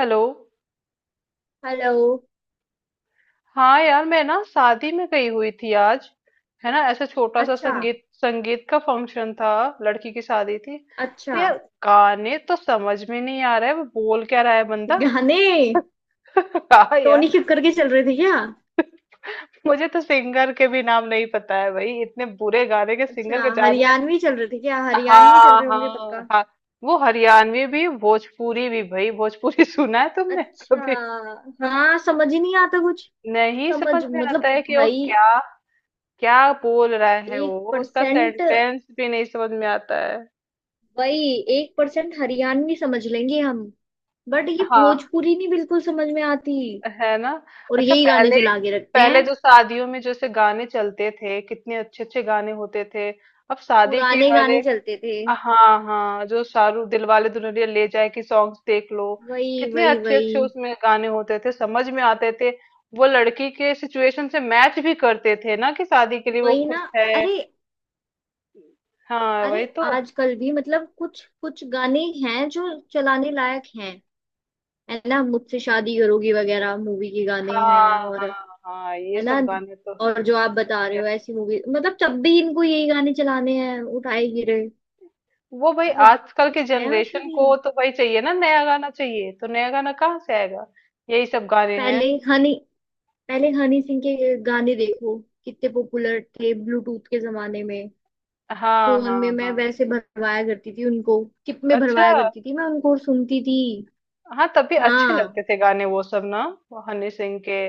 Hello. Hello. हाँ यार मैं ना शादी में गई हुई थी आज। है ना, ऐसे छोटा सा अच्छा। संगीत संगीत का फंक्शन था। लड़की की शादी थी। तो अच्छा। यार गाने तो समझ में नहीं आ रहा है वो बोल क्या रहा है बंदा। गाने। हाँ टोनी यार। कक्कर के चल रहे थे क्या? मुझे तो सिंगर के भी नाम नहीं पता है भाई, इतने बुरे गाने के सिंगर अच्छा, के जानने। हरियाणवी चल रहे थे क्या? हरियाणवी चल हाँ रहे होंगे पक्का। हाँ हाँ। वो हरियाणवी भी भोजपुरी भी भाई, भोजपुरी सुना है तुमने अच्छा। कभी? हाँ, समझ ही नहीं आता कुछ। नहीं समझ, समझ में आता मतलब है कि वो भाई, क्या क्या बोल रहा है, एक वो उसका परसेंट। सेंटेंस भी नहीं समझ में आता है। वही। एक परसेंट हरियाणवी समझ लेंगे हम। बट ये हाँ। भोजपुरी नहीं बिल्कुल समझ में आती। है ना। और अच्छा यही गाने पहले, चला के रखते पहले हैं। जो शादियों में जैसे गाने चलते थे कितने अच्छे अच्छे गाने होते थे। अब शादी के पुराने हर गाने एक। चलते थे। हाँ हाँ जो शाहरुख दिलवाले दुल्हनिया ले जाए की सॉन्ग्स देख लो। वही कितने वही अच्छे अच्छे वही। उसमें गाने होते थे, समझ में आते थे। वो लड़की के सिचुएशन से मैच भी करते थे ना, कि शादी के लिए वो वही खुश ना। है। अरे। हाँ अरे वही तो। आजकल भी मतलब कुछ कुछ गाने हैं जो चलाने लायक हैं। है ना, मुझसे शादी करोगी वगैरह मूवी के गाने हैं हाँ और। हाँ हाँ ये है ना। सब गाने तो और जो आप बता रहे अच्छा। हो ऐसी मूवी, मतलब जब भी इनको यही गाने चलाने हैं उठाए गिरे। वो भाई मतलब आजकल के कुछ है, मतलब जनरेशन ये। को तो भाई चाहिए ना, नया गाना चाहिए तो नया गाना कहाँ से आएगा। यही सब गाने हैं। पहले हनी पहले हनी सिंह के गाने देखो कितने पॉपुलर थे ब्लूटूथ के जमाने में। हाँ फोन में हाँ मैं हाँ। वैसे भरवाया करती थी उनको, टिप में अच्छा भरवाया करती थी मैं उनको और सुनती थी। हाँ तभी अच्छे हाँ, लगते थे गाने वो सब ना। वो हनी सिंह के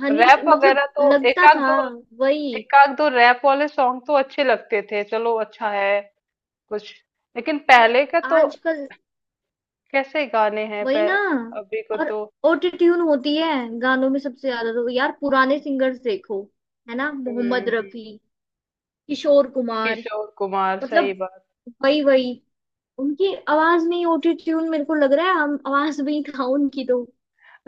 हनी रैप सिंह मतलब वगैरह तो एक लगता आध था। दो, वही। एक आध दो रैप वाले सॉन्ग तो अच्छे लगते थे, चलो अच्छा है कुछ। लेकिन पर पहले का तो आजकल। कैसे गाने हैं वही ना। अभी को और तो। ऑटो ट्यून होती है गानों में सबसे ज्यादा। तो यार पुराने सिंगर्स देखो, है ना, हम्म मोहम्मद हम्म, रफी, किशोर कुमार, किशोर कुमार सही मतलब। बात। वही वही। उनकी आवाज में ही ऑटो ट्यून मेरे को लग रहा है, हम आवाज में ही था उनकी तो।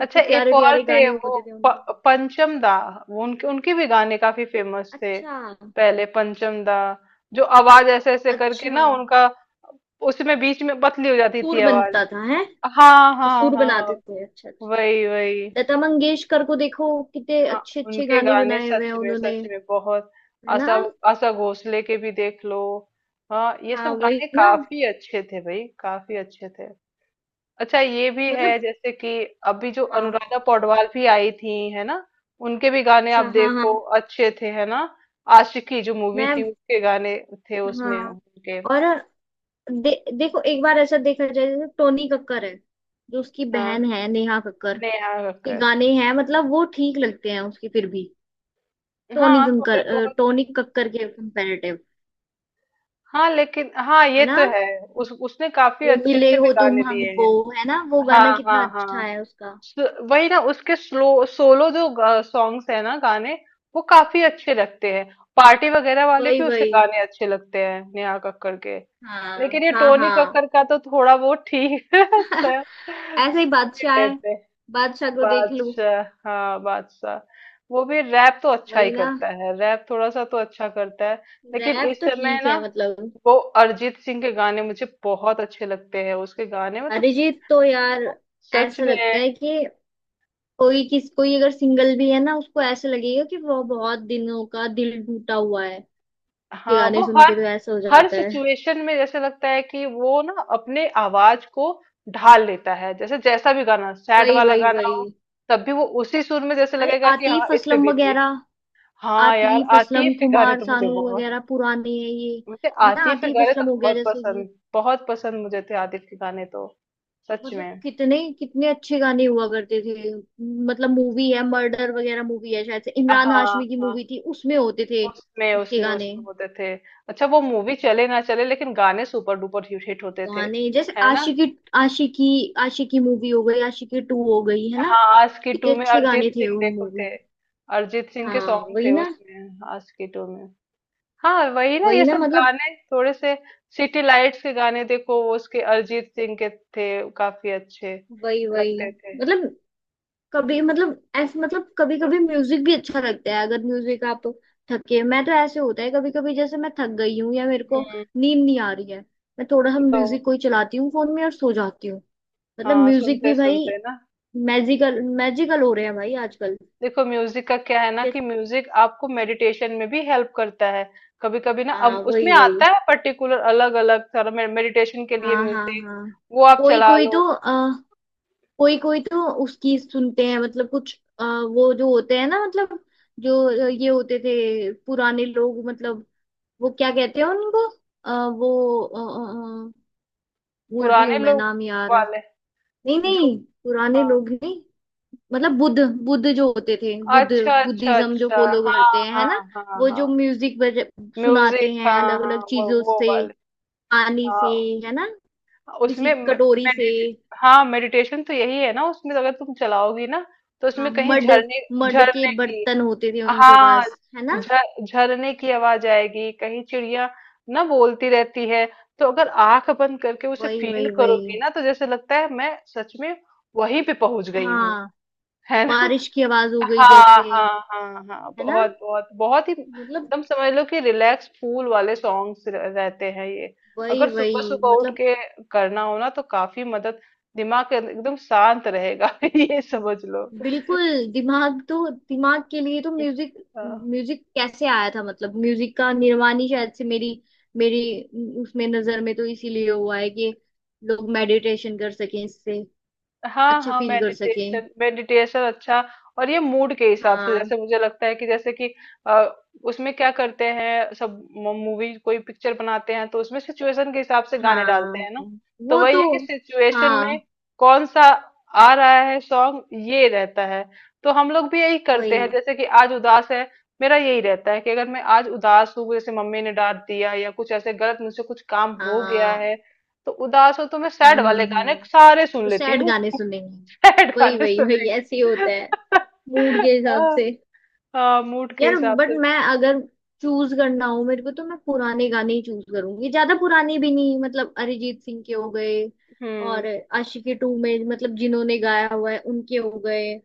अच्छा एक प्यारे और प्यारे थे गाने वो, होते थे प, उनके। पंचम दा। वो उनके उनके भी गाने काफी फेमस थे। अच्छा। पहले पंचम दा जो आवाज ऐसे ऐसे करके अच्छा ना उनका, उसमें बीच में पतली हो जाती थी सुर आवाज। बनता था, है। हाँ अच्छा, हाँ सुर हाँ। बनाते थे, अच्छा अच्छा। वही वही। लता मंगेशकर को देखो, कितने हाँ अच्छे अच्छे उनके गाने गाने बनाए हुए हैं उन्होंने। सच में बहुत। है ना। आशा, आशा भोसले के भी देख लो। हाँ ये हाँ सब वही गाने ना। काफी अच्छे थे भाई, काफी अच्छे थे। अच्छा ये भी मतलब। है जैसे कि अभी जो हाँ। अनुराधा पौडवाल भी आई थी है ना, उनके भी गाने आप अच्छा हाँ हाँ। देखो अच्छे थे है ना। आशिकी जो मूवी थी मैं। उसके गाने थे उसमें हाँ। उनके। और देखो, एक बार ऐसा देखा जाए, जैसे टोनी कक्कर है, जो उसकी हाँ बहन है, नेहा कक्कर नेहा के कक्कर। गाने हैं, मतलब वो ठीक लगते हैं उसके फिर भी। हाँ थोड़े बहुत। टोनी कक्कर के कंपैरेटिव। हाँ लेकिन हाँ है ये ना। तो है, उस उसने काफी वो अच्छे मिले अच्छे भी हो तुम गाने दिए हमको, हैं। है ना, वो हाँ गाना कितना हाँ अच्छा हाँ। है उसका। वही ना उसके स्लो सोलो जो सॉन्ग्स है ना गाने, वो काफी अच्छे लगते हैं। पार्टी वगैरह वाले वही भी उसके वही। गाने अच्छे लगते हैं नेहा कक्कड़ के। हाँ लेकिन ये हाँ टोनी हाँ। कक्कर का तो थोड़ा बहुत ठीक है अच्छा ऐसे ही सुन ही बादशाह है। लेते हैं। बादशाह को देख लूं। बादशाह, हाँ बादशाह वो भी रैप तो अच्छा ही वही ना। करता है, रैप थोड़ा सा तो अच्छा करता है। लेकिन रैप इस तो समय ठीक ना है, मतलब। वो अरिजीत सिंह के गाने मुझे बहुत अच्छे लगते हैं, उसके गाने में तो अरिजीत तो यार, वो सच ऐसा में। लगता है कि कोई किस कोई अगर सिंगल भी है ना, उसको ऐसा लगेगा कि वो बहुत दिनों का दिल टूटा हुआ है। ये हाँ गाने वो सुन के हर तो ऐसा हो हर जाता है। सिचुएशन में जैसे लगता है कि वो ना अपने आवाज को ढाल लेता है, जैसे जैसा भी गाना सैड वही वाला वही गाना वही। हो तब भी वो उसी सुर में जैसे अरे लगेगा कि हाँ आतिफ इस पे असलम बीती। वगैरह। हाँ यार आतिफ असलम, आतिफ के गाने कुमार तो मुझे सानू बहुत। वगैरह पुराने हैं ये। मुझे है ना, आतिफ के आतिफ गाने असलम तो हो गया बहुत जैसे कि, पसंद, बहुत पसंद मुझे थे आतिफ के गाने तो, सच मतलब में। कितने कितने अच्छे गाने हुआ करते थे। मतलब मूवी है, मर्डर वगैरह मूवी है, शायद से इमरान हाँ हाशमी की हाँ मूवी थी, उसमें होते थे उसमें उसके उसमें गाने। उसमें होते थे। अच्छा वो मूवी चले ना चले, लेकिन गाने सुपर डुपर हिट होते थे गाने जैसे है ना। आशिकी। आशिकी आशिकी मूवी हो गई, आशिकी टू हो गई, है ना। हाँ आज की टू कितने में अच्छे गाने अरिजीत थे सिंह उन देखो मूवी थे, में। अरिजीत सिंह के हाँ सॉन्ग वही थे ना। उसमें, आज की टू में। हाँ वही ना वही ये ना सब मतलब। गाने थोड़े से। सिटी लाइट्स के गाने देखो वो उसके अरिजीत सिंह के थे, काफी अच्छे वही वही लगते थे। मतलब, कभी मतलब ऐसे, मतलब कभी कभी म्यूजिक भी अच्छा लगता है, अगर म्यूजिक आप थके। मैं तो ऐसे होता है कभी कभी, जैसे मैं थक गई हूँ या मेरे को हम्म। नींद नहीं आ रही है, मैं थोड़ा सा म्यूजिक तो कोई चलाती हूँ फोन में और सो जाती हूँ। मतलब हाँ म्यूजिक सुनते भी भाई सुनते ना, मैजिकल मैजिकल हो रहे हैं भाई आजकल। देखो म्यूजिक का क्या है ना, कि म्यूजिक आपको मेडिटेशन में भी हेल्प करता है। कभी कभी ना अब हाँ वही उसमें वही। आता है पर्टिकुलर अलग अलग सारा मेडिटेशन के लिए हाँ हाँ म्यूजिक, हाँ। वो आप कोई चला कोई तो लो। आ, कोई कोई तो उसकी सुनते हैं, मतलब कुछ वो जो होते हैं ना, मतलब जो ये होते थे पुराने लोग, मतलब वो क्या कहते हैं उनको। अ, वो भूल रही हूँ पुराने मैं लोग नाम यार। वाले नहीं जो। नहीं, पुराने हाँ, लोग नहीं, मतलब बुद्ध। बुद्ध जो होते थे, बुद्ध। अच्छा अच्छा बुद्धिज्म जो अच्छा। फॉलो हाँ करते हैं, है हाँ ना। हाँ वो जो हाँ। म्यूजिक बज म्यूजिक सुनाते हैं हाँ अलग हाँ अलग वो चीजों वो से, वाले। पानी हाँ से, है ना, किसी उसमें मे- कटोरी से। मेडि हाँ मेडिटेशन तो यही है ना, उसमें अगर तुम चलाओगी ना तो हाँ उसमें कहीं मड झरने, मड के झरने की। बर्तन होते थे उनके हाँ पास, है ना। झरने की आवाज आएगी, कहीं चिड़िया ना बोलती रहती है। तो अगर आंख बंद करके उसे वही फील वही वही। करोगी ना, तो जैसे लगता है मैं सच में वहीं पे पहुंच गई हूँ। हाँ, है ना। बारिश की आवाज हो गई हाँ, जैसे। हाँ, हाँ, हाँ, है ना। बहुत बहुत बहुत ही मतलब एकदम समझ लो कि रिलैक्स फूल वाले सॉन्ग्स रहते हैं ये। वही अगर वही। सुबह सुबह उठ मतलब के करना हो ना तो काफी मदद, दिमाग एकदम शांत रहेगा ये समझ लो। बिल्कुल। दिमाग तो, दिमाग के लिए तो म्यूजिक। हाँ। म्यूजिक कैसे आया था, मतलब म्यूजिक का निर्माण ही शायद से मेरी मेरी उसमें नजर में तो इसीलिए हुआ है कि लोग मेडिटेशन कर सकें इससे, हाँ अच्छा हाँ फील कर सकें। मेडिटेशन मेडिटेशन अच्छा। और ये मूड के हिसाब से हाँ जैसे मुझे लगता है कि जैसे कि अ, उसमें क्या करते हैं, सब मूवी कोई पिक्चर बनाते हैं तो उसमें सिचुएशन के हिसाब से गाने हाँ। डालते हैं ना। तो वो वही तो। है कि सिचुएशन में हाँ कौन सा आ रहा है सॉन्ग, ये रहता है। तो हम लोग भी यही करते हैं वही। जैसे कि आज उदास है, मेरा यही रहता है कि अगर मैं आज उदास हूँ, जैसे मम्मी ने डांट दिया या कुछ ऐसे गलत मुझसे कुछ काम हो गया हाँ। है तो उदास हो तो मैं सैड वाले गाने हम्म। सारे सुन तो लेती सैड हूँ। गाने सुनेंगे। सैड वही गाने वही वही, ऐसे ही सुनेंगे होता है मूड के हिसाब हाँ, से। हाँ, मूड के यार हिसाब बट से। मैं अगर चूज करना हो मेरे को तो मैं पुराने गाने ही चूज करूंगी। ज्यादा पुराने भी नहीं, मतलब अरिजीत सिंह के हो गए, हम्म। और आशिकी टू में मतलब जिन्होंने गाया हुआ है उनके हो गए,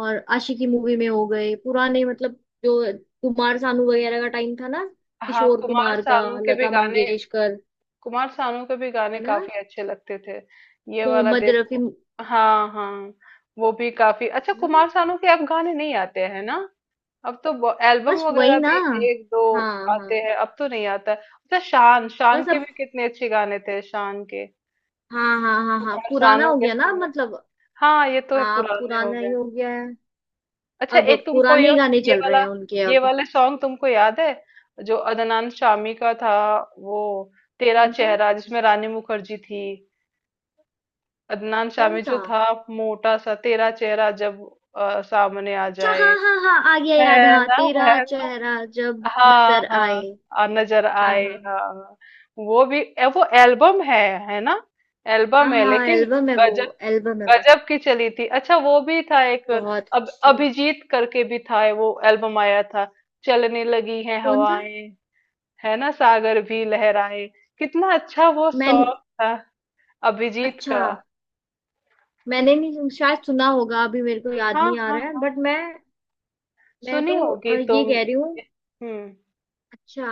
और आशिकी मूवी में हो गए पुराने, मतलब जो कुमार सानू वगैरह का टाइम था ना, हाँ किशोर कुमार कुमार का, सानू के भी लता गाने, मंगेशकर। कुमार सानू के भी गाने है ना। काफी अच्छे लगते थे। ये वाला मोहम्मद रफी। देखो। है हाँ हाँ वो भी काफी अच्छा। ना। कुमार सानू के अब गाने नहीं आते हैं ना। अब तो एल्बम बस वही वगैरह ना। भी एक दो हाँ हाँ। आते हैं, अब तो नहीं आता है। अच्छा शान, शान बस के अब। भी कितने अच्छे गाने थे शान के। हाँ हाँ हाँ हाँ, कुमार पुराना सानू हो के गया ना समय। मतलब। हाँ ये तो है, हाँ, अब पुराने हो पुराना ही गए। हो गया है। अच्छा अब एक तुमको पुराने ये ही गाने ये चल रहे वाला, हैं उनके ये अब। वाले सॉन्ग तुमको याद है जो अदनान शामी का था? वो तेरा कौन सा? चेहरा, जिसमें रानी मुखर्जी थी। अदनान कौन शामी जो सा? था मोटा सा, तेरा चेहरा जब सामने आ अच्छा जाए। हाँ हाँ हाँ, आ गया याद। है हाँ, ना। तेरा है ना। चेहरा जब हाँ नजर आए। हाँ, नजर हाँ आए। हाँ। हाँ हाँ हाँ। वो भी वो एल्बम है ना। हाँ एल्बम है हाँ। लेकिन, एल्बम है वो, गजल एल्बम है वो। गजब की चली थी। अच्छा वो भी था एक, बहुत अब अच्छी। अभिजीत करके भी था वो एल्बम आया था, चलने लगी है कौन सा? हवाएं है ना सागर भी लहराए। कितना अच्छा वो मैं। सॉन्ग था, अभिजीत अच्छा, का। मैंने नहीं सुन- शायद सुना होगा, अभी मेरे को याद हाँ नहीं आ हाँ रहा है। हाँ, बट मैं सुनी तो होगी ये तुम। कह रही हूँ। हम्म। अच्छा।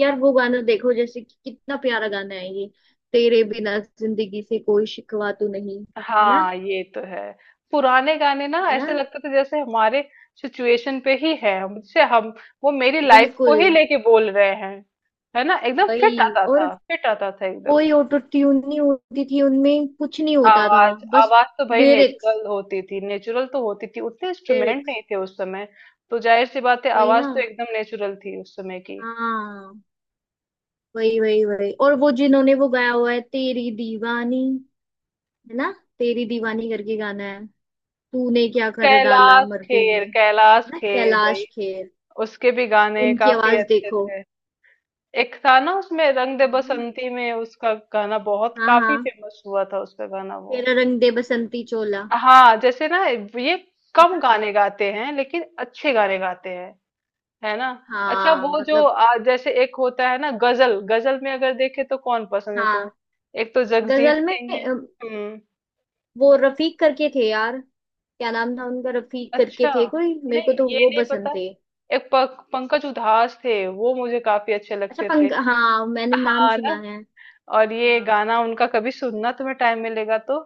यार वो गाना देखो, जैसे कि कितना प्यारा गाना है ये, तेरे बिना जिंदगी से कोई शिकवा तो नहीं। है ना। हाँ ये तो है। पुराने गाने ना है ना। ऐसे लगता था जैसे हमारे सिचुएशन पे ही है, मुझसे हम, वो मेरी लाइफ बिल्कुल। को ही लेके बोल रहे हैं। है ना, एकदम वही, फिट आता और था, फिट आता था एकदम। कोई ऑटो ट्यून नहीं होती थी उनमें, कुछ नहीं होता था, आवाज, बस आवाज तो भाई लिरिक्स। नेचुरल होती थी, नेचुरल तो होती थी, उतने इंस्ट्रूमेंट लिरिक्स। नहीं थे उस समय, तो जाहिर सी बात है वही आवाज ना। तो एकदम नेचुरल थी उस समय की। हाँ वही वही वही, और वो जिन्होंने वो गाया हुआ है, तेरी दीवानी, है ना, तेरी दीवानी करके गाना है। तूने क्या कर डाला, कैलाश मर गई खेर, मैं, है कैलाश ना, खेर भाई, कैलाश खेर। उसके भी गाने उनकी काफी आवाज अच्छे देखो। थे। एक था ना उसमें रंग दे हम्म, बसंती में उसका गाना बहुत हाँ हाँ, काफी फेमस हुआ था, उसका गाना वो, तेरा रंग दे बसंती चोला। हाँ जैसे ना, ये है कम ना। गाने गाते हैं लेकिन अच्छे गाने गाते हैं है ना। अच्छा हाँ वो जो मतलब। जैसे एक होता है ना गजल, गजल में अगर देखे तो कौन पसंद है हाँ। तुम्हें? एक तो जगजीत गजल में सिंह है। हम्म। वो रफीक करके थे यार, क्या नाम था उनका? रफीक करके अच्छा, थे कोई, मेरे को नहीं तो ये वो नहीं पता। पसंद थे। एक पंकज उधास थे वो मुझे काफी अच्छे अच्छा लगते थे। पंक, हाँ मैंने नाम हाँ ना। सुना है। और ये हाँ। गाना उनका कभी सुनना, तुम्हें टाइम मिलेगा तो,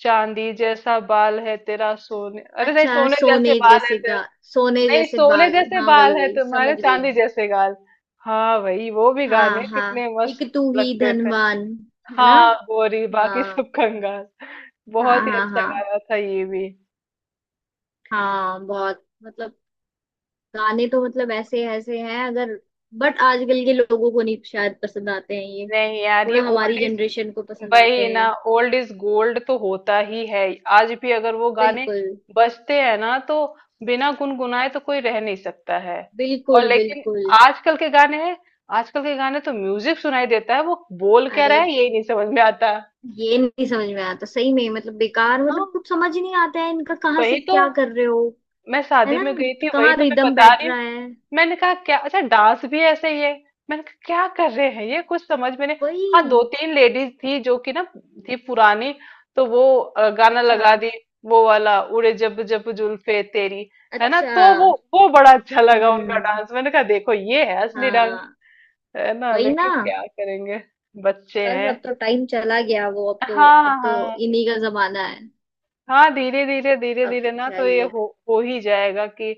चांदी जैसा बाल है तेरा सोने, अरे नहीं, अच्छा, सोने जैसे सोने बाल है जैसे तेरा। गा, सोने नहीं जैसे सोने बाल, जैसे हाँ बाल वही है वही, समझ तुम्हारे, गई चांदी मैं। जैसे गाल। हाँ भाई वो भी गाने हाँ हाँ, कितने एक मस्त तू ही लगते थे। धनवान, है ना। हाँ गोरी बाकी सब हाँ कंगाल। हाँ बहुत ही हाँ अच्छा हाँ। गाना था ये भी। हाँ बहुत मतलब, गाने तो मतलब ऐसे ऐसे हैं अगर। बट आजकल के लोगों को नहीं शायद पसंद आते हैं ये, नहीं यार ये थोड़ा हमारी ओल्ड इज, जनरेशन को पसंद आते वही ना, हैं। ओल्ड इज गोल्ड तो होता ही है। आज भी अगर वो गाने बिल्कुल बजते हैं ना, तो बिना गुनगुनाए तो कोई रह नहीं सकता है। और बिल्कुल लेकिन बिल्कुल। आजकल के गाने हैं, आजकल के गाने तो म्यूजिक सुनाई देता है, वो बोल क्या अरे, रहा है यही नहीं समझ में आता। ये नहीं समझ में आता सही में, मतलब बेकार, मतलब हाँ कुछ समझ ही नहीं आता है इनका, कहाँ से वही तो, क्या कर रहे हो। मैं है शादी ना, में गई थी, वही कहाँ तो मैं रिदम बता बैठ रही रहा हूँ। है। मैंने कहा क्या, अच्छा डांस भी ऐसे ही है, मैंने कहा क्या कर रहे हैं ये, कुछ समझ में नहीं। वही। हाँ दो तीन लेडीज थी जो कि ना थी पुरानी, तो वो गाना अच्छा। लगा दी वो वाला, उड़े जब जब जुल्फे तेरी, है ना, अच्छा। तो वो बड़ा अच्छा लगा उनका हम्म। डांस। मैंने कहा देखो ये है असली डांस, हाँ है ना, वही ना। लेकिन क्या करेंगे बच्चे बस अब हैं। तो टाइम चला गया वो, अब तो, हाँ अब तो हाँ। इन्हीं का जमाना है। हाँ धीरे धीरे धीरे अब तो धीरे ना क्या तो ही ये है। हो ही जाएगा कि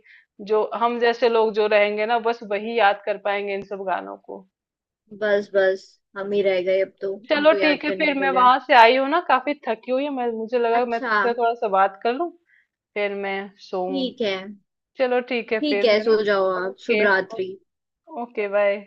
जो हम जैसे लोग जो रहेंगे ना, बस वही याद कर पाएंगे इन सब गानों को। बस बस। हम ही रह गए अब तो चलो इनको याद ठीक है फिर, करने के मैं लिए। वहां से आई हूँ ना काफी थकी हुई है, मैं, मुझे लगा मैं अच्छा। तुमसे थोड़ा सा बात कर लूं, फिर मैं सोऊं। ठीक है। चलो ठीक है ठीक फिर, है, है सो ना। जाओ आप, शुभ ओके। रात्रि। Okay bye.